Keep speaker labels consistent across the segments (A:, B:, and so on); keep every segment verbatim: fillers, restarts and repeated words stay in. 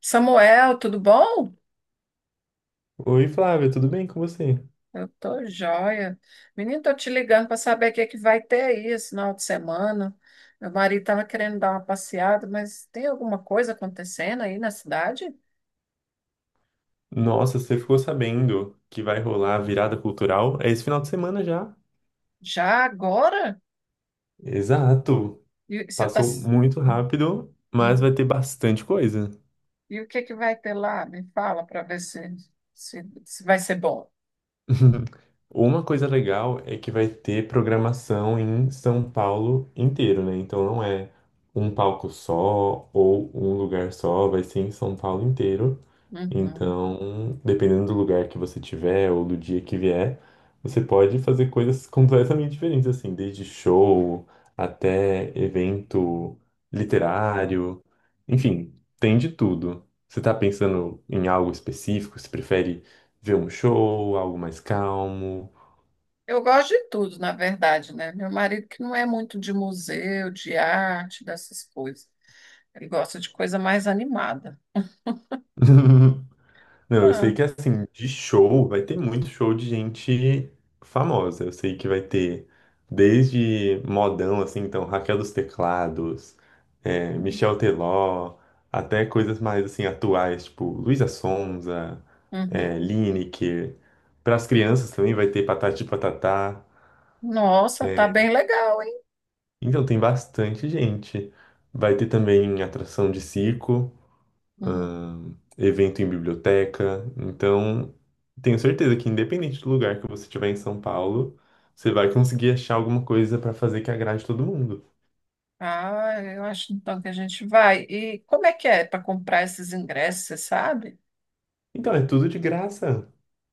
A: Samuel, tudo bom?
B: Oi, Flávia, tudo bem com você?
A: Eu tô joia. Menino, tô te ligando para saber o que é que vai ter aí esse final de semana. Meu marido tava querendo dar uma passeada, mas tem alguma coisa acontecendo aí na cidade?
B: Nossa, você ficou sabendo que vai rolar a virada cultural? É esse final de semana já.
A: Já agora?
B: Exato.
A: E você tá...
B: Passou muito
A: Hum,
B: rápido, mas
A: hum.
B: vai ter bastante coisa.
A: E o que é que vai ter lá? Me fala para ver se, se, se vai ser bom.
B: Uma coisa legal é que vai ter programação em São Paulo inteiro, né? Então não é um palco só ou um lugar só, vai ser em São Paulo inteiro.
A: Uhum.
B: Então, dependendo do lugar que você tiver ou do dia que vier, você pode fazer coisas completamente diferentes, assim, desde show até evento literário, enfim, tem de tudo. Você tá pensando em algo específico? Você prefere ver um show, algo mais calmo?
A: Eu gosto de tudo, na verdade, né? Meu marido que não é muito de museu, de arte, dessas coisas. Ele gosta de coisa mais animada.
B: Não, eu sei
A: Ah,
B: que assim, de show, vai ter muito show de gente famosa. Eu sei que vai ter desde modão, assim, então, Raquel dos Teclados, é,
A: uhum.
B: Michel Teló, até coisas mais, assim, atuais, tipo Luísa Sonza, é, Lineker. Para as crianças também vai ter Patati e Patatá.
A: Nossa, tá bem legal, hein?
B: Então, tem bastante gente. Vai ter também atração de circo.
A: Uhum.
B: Ahn, evento em biblioteca. Então, tenho certeza que independente do lugar que você estiver em São Paulo, você vai conseguir achar alguma coisa para fazer que agrade todo mundo.
A: Ah, eu acho então que a gente vai. E como é que é para comprar esses ingressos, você sabe?
B: Então, é tudo de graça.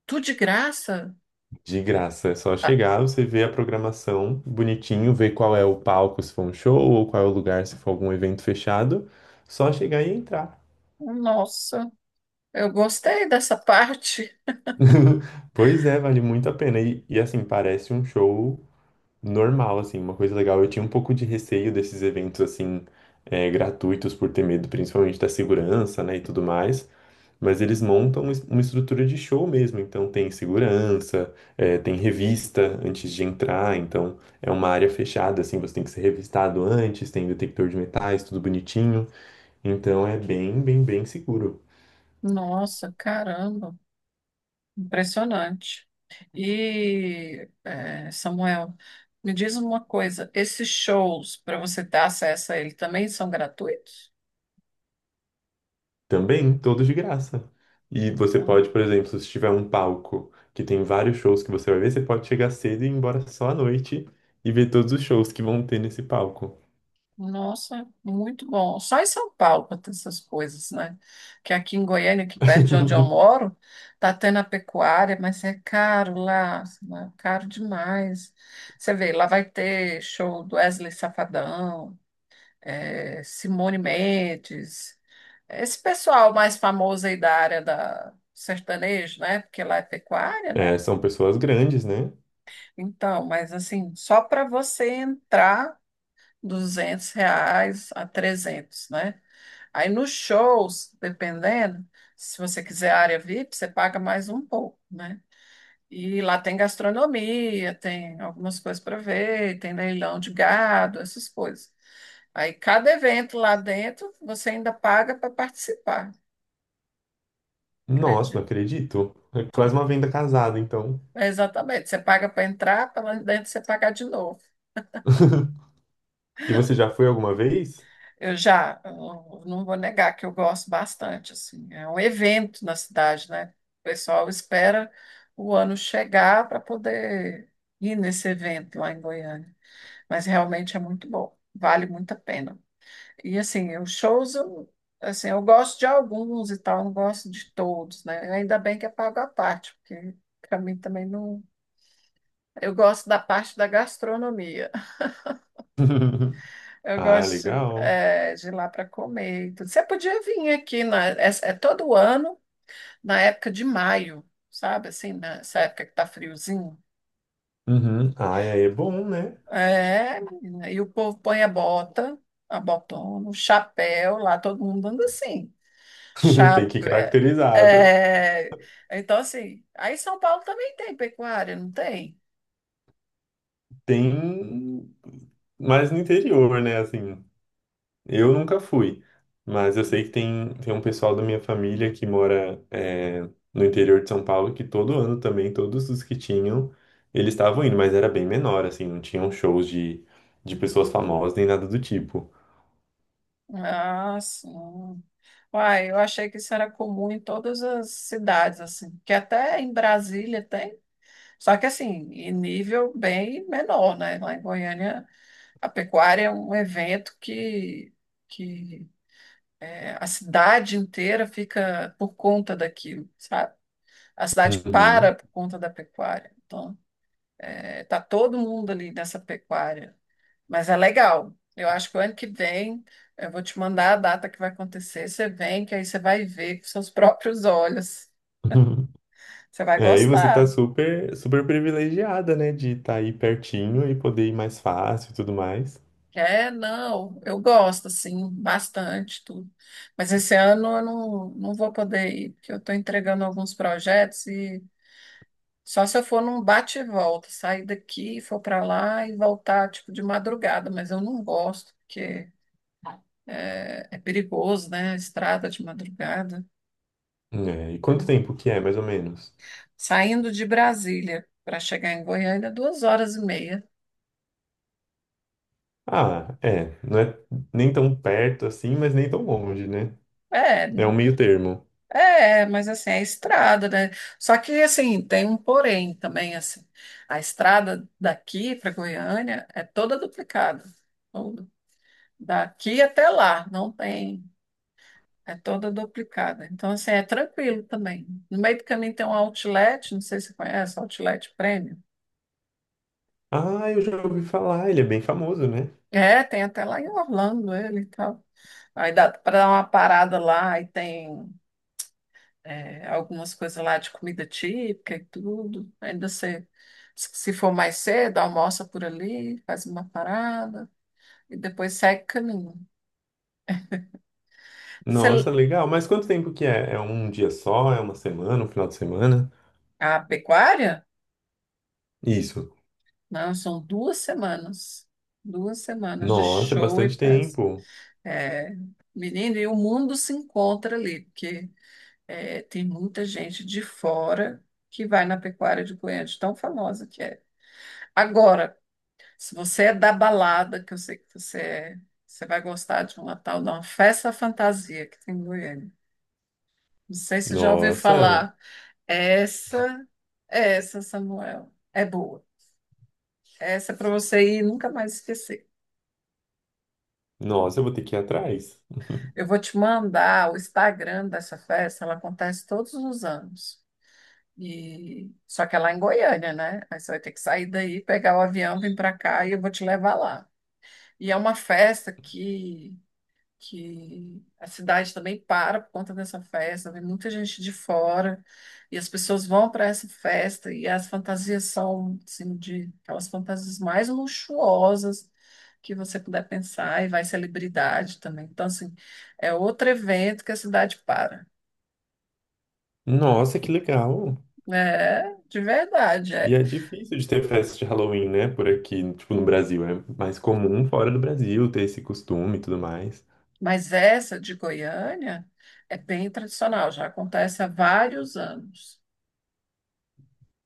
A: Tudo de graça?
B: De graça. É só
A: Ah,
B: chegar, você vê a programação bonitinho, vê qual é o palco, se for um show, ou qual é o lugar, se for algum evento fechado. Só chegar e entrar.
A: nossa, eu gostei dessa parte.
B: Pois é, vale muito a pena. E, e, assim, parece um show normal, assim, uma coisa legal. Eu tinha um pouco de receio desses eventos, assim, é, gratuitos, por ter medo principalmente da segurança, né, e tudo mais. Mas eles montam es- uma estrutura de show mesmo. Então, tem segurança, é, tem revista antes de entrar. Então, é uma área fechada, assim, você tem que ser revistado antes, tem detector de metais, tudo bonitinho. Então, é bem, bem, bem seguro.
A: Nossa, caramba, impressionante. E, eh, Samuel, me diz uma coisa: esses shows, para você ter acesso a ele, também são gratuitos?
B: Também, todos de graça. E você pode, por exemplo, se tiver um palco que tem vários shows que você vai ver, você pode chegar cedo e ir embora só à noite e ver todos os shows que vão ter nesse palco.
A: Nossa, muito bom. Só em São Paulo para ter essas coisas, né? Que aqui em Goiânia, aqui perto de onde eu moro, tá tendo a pecuária, mas é caro lá, né? Caro demais. Você vê, lá vai ter show do Wesley Safadão, eh, Simone Mendes, esse pessoal mais famoso aí da área da sertanejo, né? Porque lá é pecuária, né?
B: É, são pessoas grandes, né?
A: Então, mas assim, só para você entrar, duzentos reais a trezentos, né? Aí nos shows, dependendo, se você quiser área V I P, você paga mais um pouco, né? E lá tem gastronomia, tem algumas coisas para ver, tem leilão de gado, essas coisas. Aí cada evento lá dentro, você ainda paga para participar,
B: Nossa,
A: acredito.
B: não acredito. É quase
A: Tudo.
B: uma venda casada, então.
A: É, exatamente. Você paga para entrar, para lá dentro você pagar de novo.
B: E você já foi alguma vez?
A: Eu já, eu não vou negar que eu gosto bastante, assim, é um evento na cidade, né? O pessoal espera o ano chegar para poder ir nesse evento lá em Goiânia, mas realmente é muito bom, vale muito a pena. E assim, os shows, eu, assim, eu gosto de alguns e tal, não gosto de todos, né? Ainda bem que é pago à parte, porque para mim também não. Eu gosto da parte da gastronomia. Eu
B: Ah,
A: gosto
B: legal.
A: é, de ir lá para comer e tudo. Você podia vir aqui, na, é, é todo ano, na época de maio, sabe? Assim, nessa época que tá friozinho.
B: Uhum. Ah, aí é bom, né?
A: É, menina, e o povo põe a bota, a botona, o chapéu, lá todo mundo anda assim.
B: Tem que ir
A: Chapéu. É,
B: caracterizado.
A: é, então, assim, aí São Paulo também tem pecuária, não tem?
B: Tem mais no interior, né? Assim. Eu nunca fui, mas eu sei que tem, tem um pessoal da minha família que mora é, no interior de São Paulo que todo ano também, todos os que tinham, eles estavam indo, mas era bem menor, assim, não tinham shows de, de pessoas famosas nem nada do tipo.
A: Ah, sim. Uai, eu achei que isso era comum em todas as cidades, assim, que até em Brasília tem. Só que assim, em nível bem menor, né? Lá em Goiânia, a pecuária é um evento que, que é, a cidade inteira fica por conta daquilo, sabe? A cidade
B: Uhum.
A: para por conta da pecuária. Então, é, tá todo mundo ali nessa pecuária. Mas é legal. Eu acho que o ano que vem eu vou te mandar a data que vai acontecer. Você vem, que aí você vai ver com seus próprios olhos. Você vai
B: É, e você tá
A: gostar.
B: super, super privilegiada, né, de estar aí pertinho e poder ir mais fácil e tudo mais.
A: É, não, eu gosto, assim, bastante, tudo. Mas esse ano eu não, não vou poder ir, porque eu estou entregando alguns projetos e só se eu for num bate e volta, sair daqui, for para lá e voltar, tipo, de madrugada, mas eu não gosto, porque é, é perigoso, né? Estrada de madrugada.
B: É, e quanto
A: É.
B: tempo que é, mais ou menos?
A: Saindo de Brasília para chegar em Goiânia, duas horas e meia.
B: Ah, é, não é nem tão perto assim, mas nem tão longe, né?
A: É,
B: É um meio termo.
A: É, mas assim, é estrada, né? Só que assim, tem um porém também, assim. A estrada daqui para Goiânia é toda duplicada. Toda. Daqui até lá, não tem. É toda duplicada. Então, assim, é tranquilo também. No meio do caminho tem um outlet, não sei se você conhece, outlet Premium.
B: Ah, eu já ouvi falar, ele é bem famoso, né?
A: É, tem até lá em Orlando ele e tal. Aí dá para dar uma parada lá e tem é, algumas coisas lá de comida típica e tudo. Ainda você, se for mais cedo, almoça por ali, faz uma parada e depois segue o caminho.
B: Nossa,
A: Você-
B: legal. Mas quanto tempo que é? É um dia só? É uma semana? Um final de semana?
A: a pecuária?
B: Isso.
A: Não, são duas semanas. Duas semanas de
B: Nossa, é
A: show e
B: bastante
A: festa.
B: tempo.
A: É, menino, e o mundo se encontra ali, porque é, tem muita gente de fora que vai na pecuária de Goiânia, de tão famosa que é. Agora, se você é da balada, que eu sei que você é, você vai gostar de uma tal de uma festa fantasia que tem em Goiânia. Não sei se já ouviu
B: Nossa,
A: falar. Essa, essa, Samuel, é boa. Essa é para você ir e nunca mais esquecer.
B: nossa, eu vou ter que ir atrás.
A: Eu vou te mandar o Instagram dessa festa, ela acontece todos os anos. E só que é lá em Goiânia, né? Aí você vai ter que sair daí, pegar o avião, vir para cá e eu vou te levar lá. E é uma festa que que a cidade também para por conta dessa festa, vem muita gente de fora, e as pessoas vão para essa festa, e as fantasias são, assim, de aquelas fantasias mais luxuosas que você puder pensar, e vai celebridade também. Então, assim, é outro evento que a cidade para.
B: Nossa, que legal.
A: É, de verdade, é.
B: E é difícil de ter festa de Halloween, né? Por aqui, tipo, no Brasil. É mais comum fora do Brasil ter esse costume e tudo mais.
A: Mas essa de Goiânia é bem tradicional, já acontece há vários anos.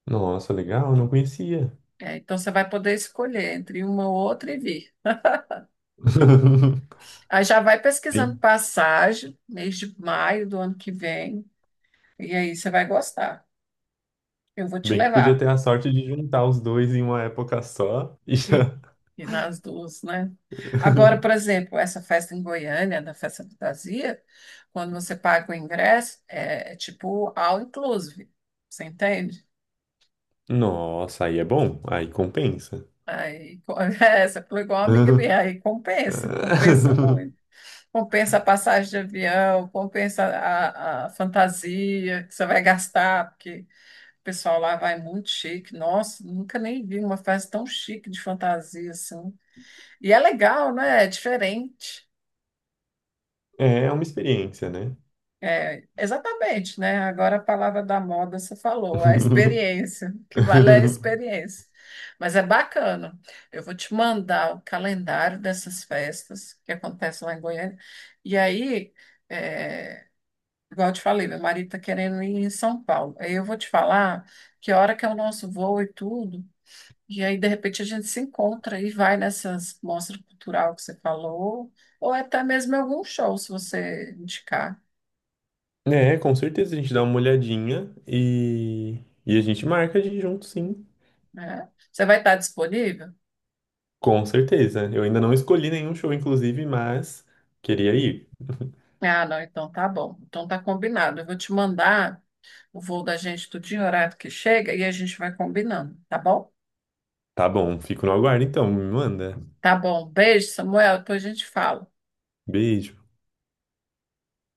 B: Nossa, legal, não conhecia.
A: É, então, você vai poder escolher entre uma ou outra e vir. Aí já vai
B: Bem,
A: pesquisando passagem, mês de maio do ano que vem, e aí você vai gostar. Eu vou te
B: bem que podia
A: levar.
B: ter a sorte de juntar os dois em uma época só e
A: E,
B: já.
A: e nas duas, né? Agora, por exemplo, essa festa em Goiânia, da Festa Fantasia, quando você paga o ingresso, é, é tipo all inclusive. Você entende?
B: Nossa, aí é bom, aí compensa.
A: Aí, co- é, você falou igual uma amiga minha, aí compensa, compensa muito. Compensa a passagem de avião, compensa a, a fantasia que você vai gastar, porque. O pessoal lá vai muito chique. Nossa, nunca nem vi uma festa tão chique de fantasia assim. E é legal, né? É diferente.
B: É uma experiência, né?
A: É, exatamente, né? Agora a palavra da moda você falou, a experiência, o que vale é a experiência. Mas é bacana. Eu vou te mandar o calendário dessas festas que acontecem lá em Goiânia. E aí, é, igual eu te falei, meu marido está querendo ir em São Paulo. Aí eu vou te falar que hora que é o nosso voo e tudo. E aí, de repente, a gente se encontra e vai nessas mostras cultural que você falou, ou é até mesmo em algum show, se você indicar,
B: É, com certeza a gente dá uma olhadinha e, e a gente marca de ir junto, sim.
A: né? Você vai estar disponível?
B: Com certeza. Eu ainda não escolhi nenhum show, inclusive, mas queria ir.
A: Ah, não, então tá bom. Então tá combinado. Eu vou te mandar o voo da gente do dia e horário que chega e a gente vai combinando, tá bom?
B: Tá bom, fico no aguardo então, me manda.
A: Tá bom. Beijo, Samuel. Depois a gente fala.
B: Beijo.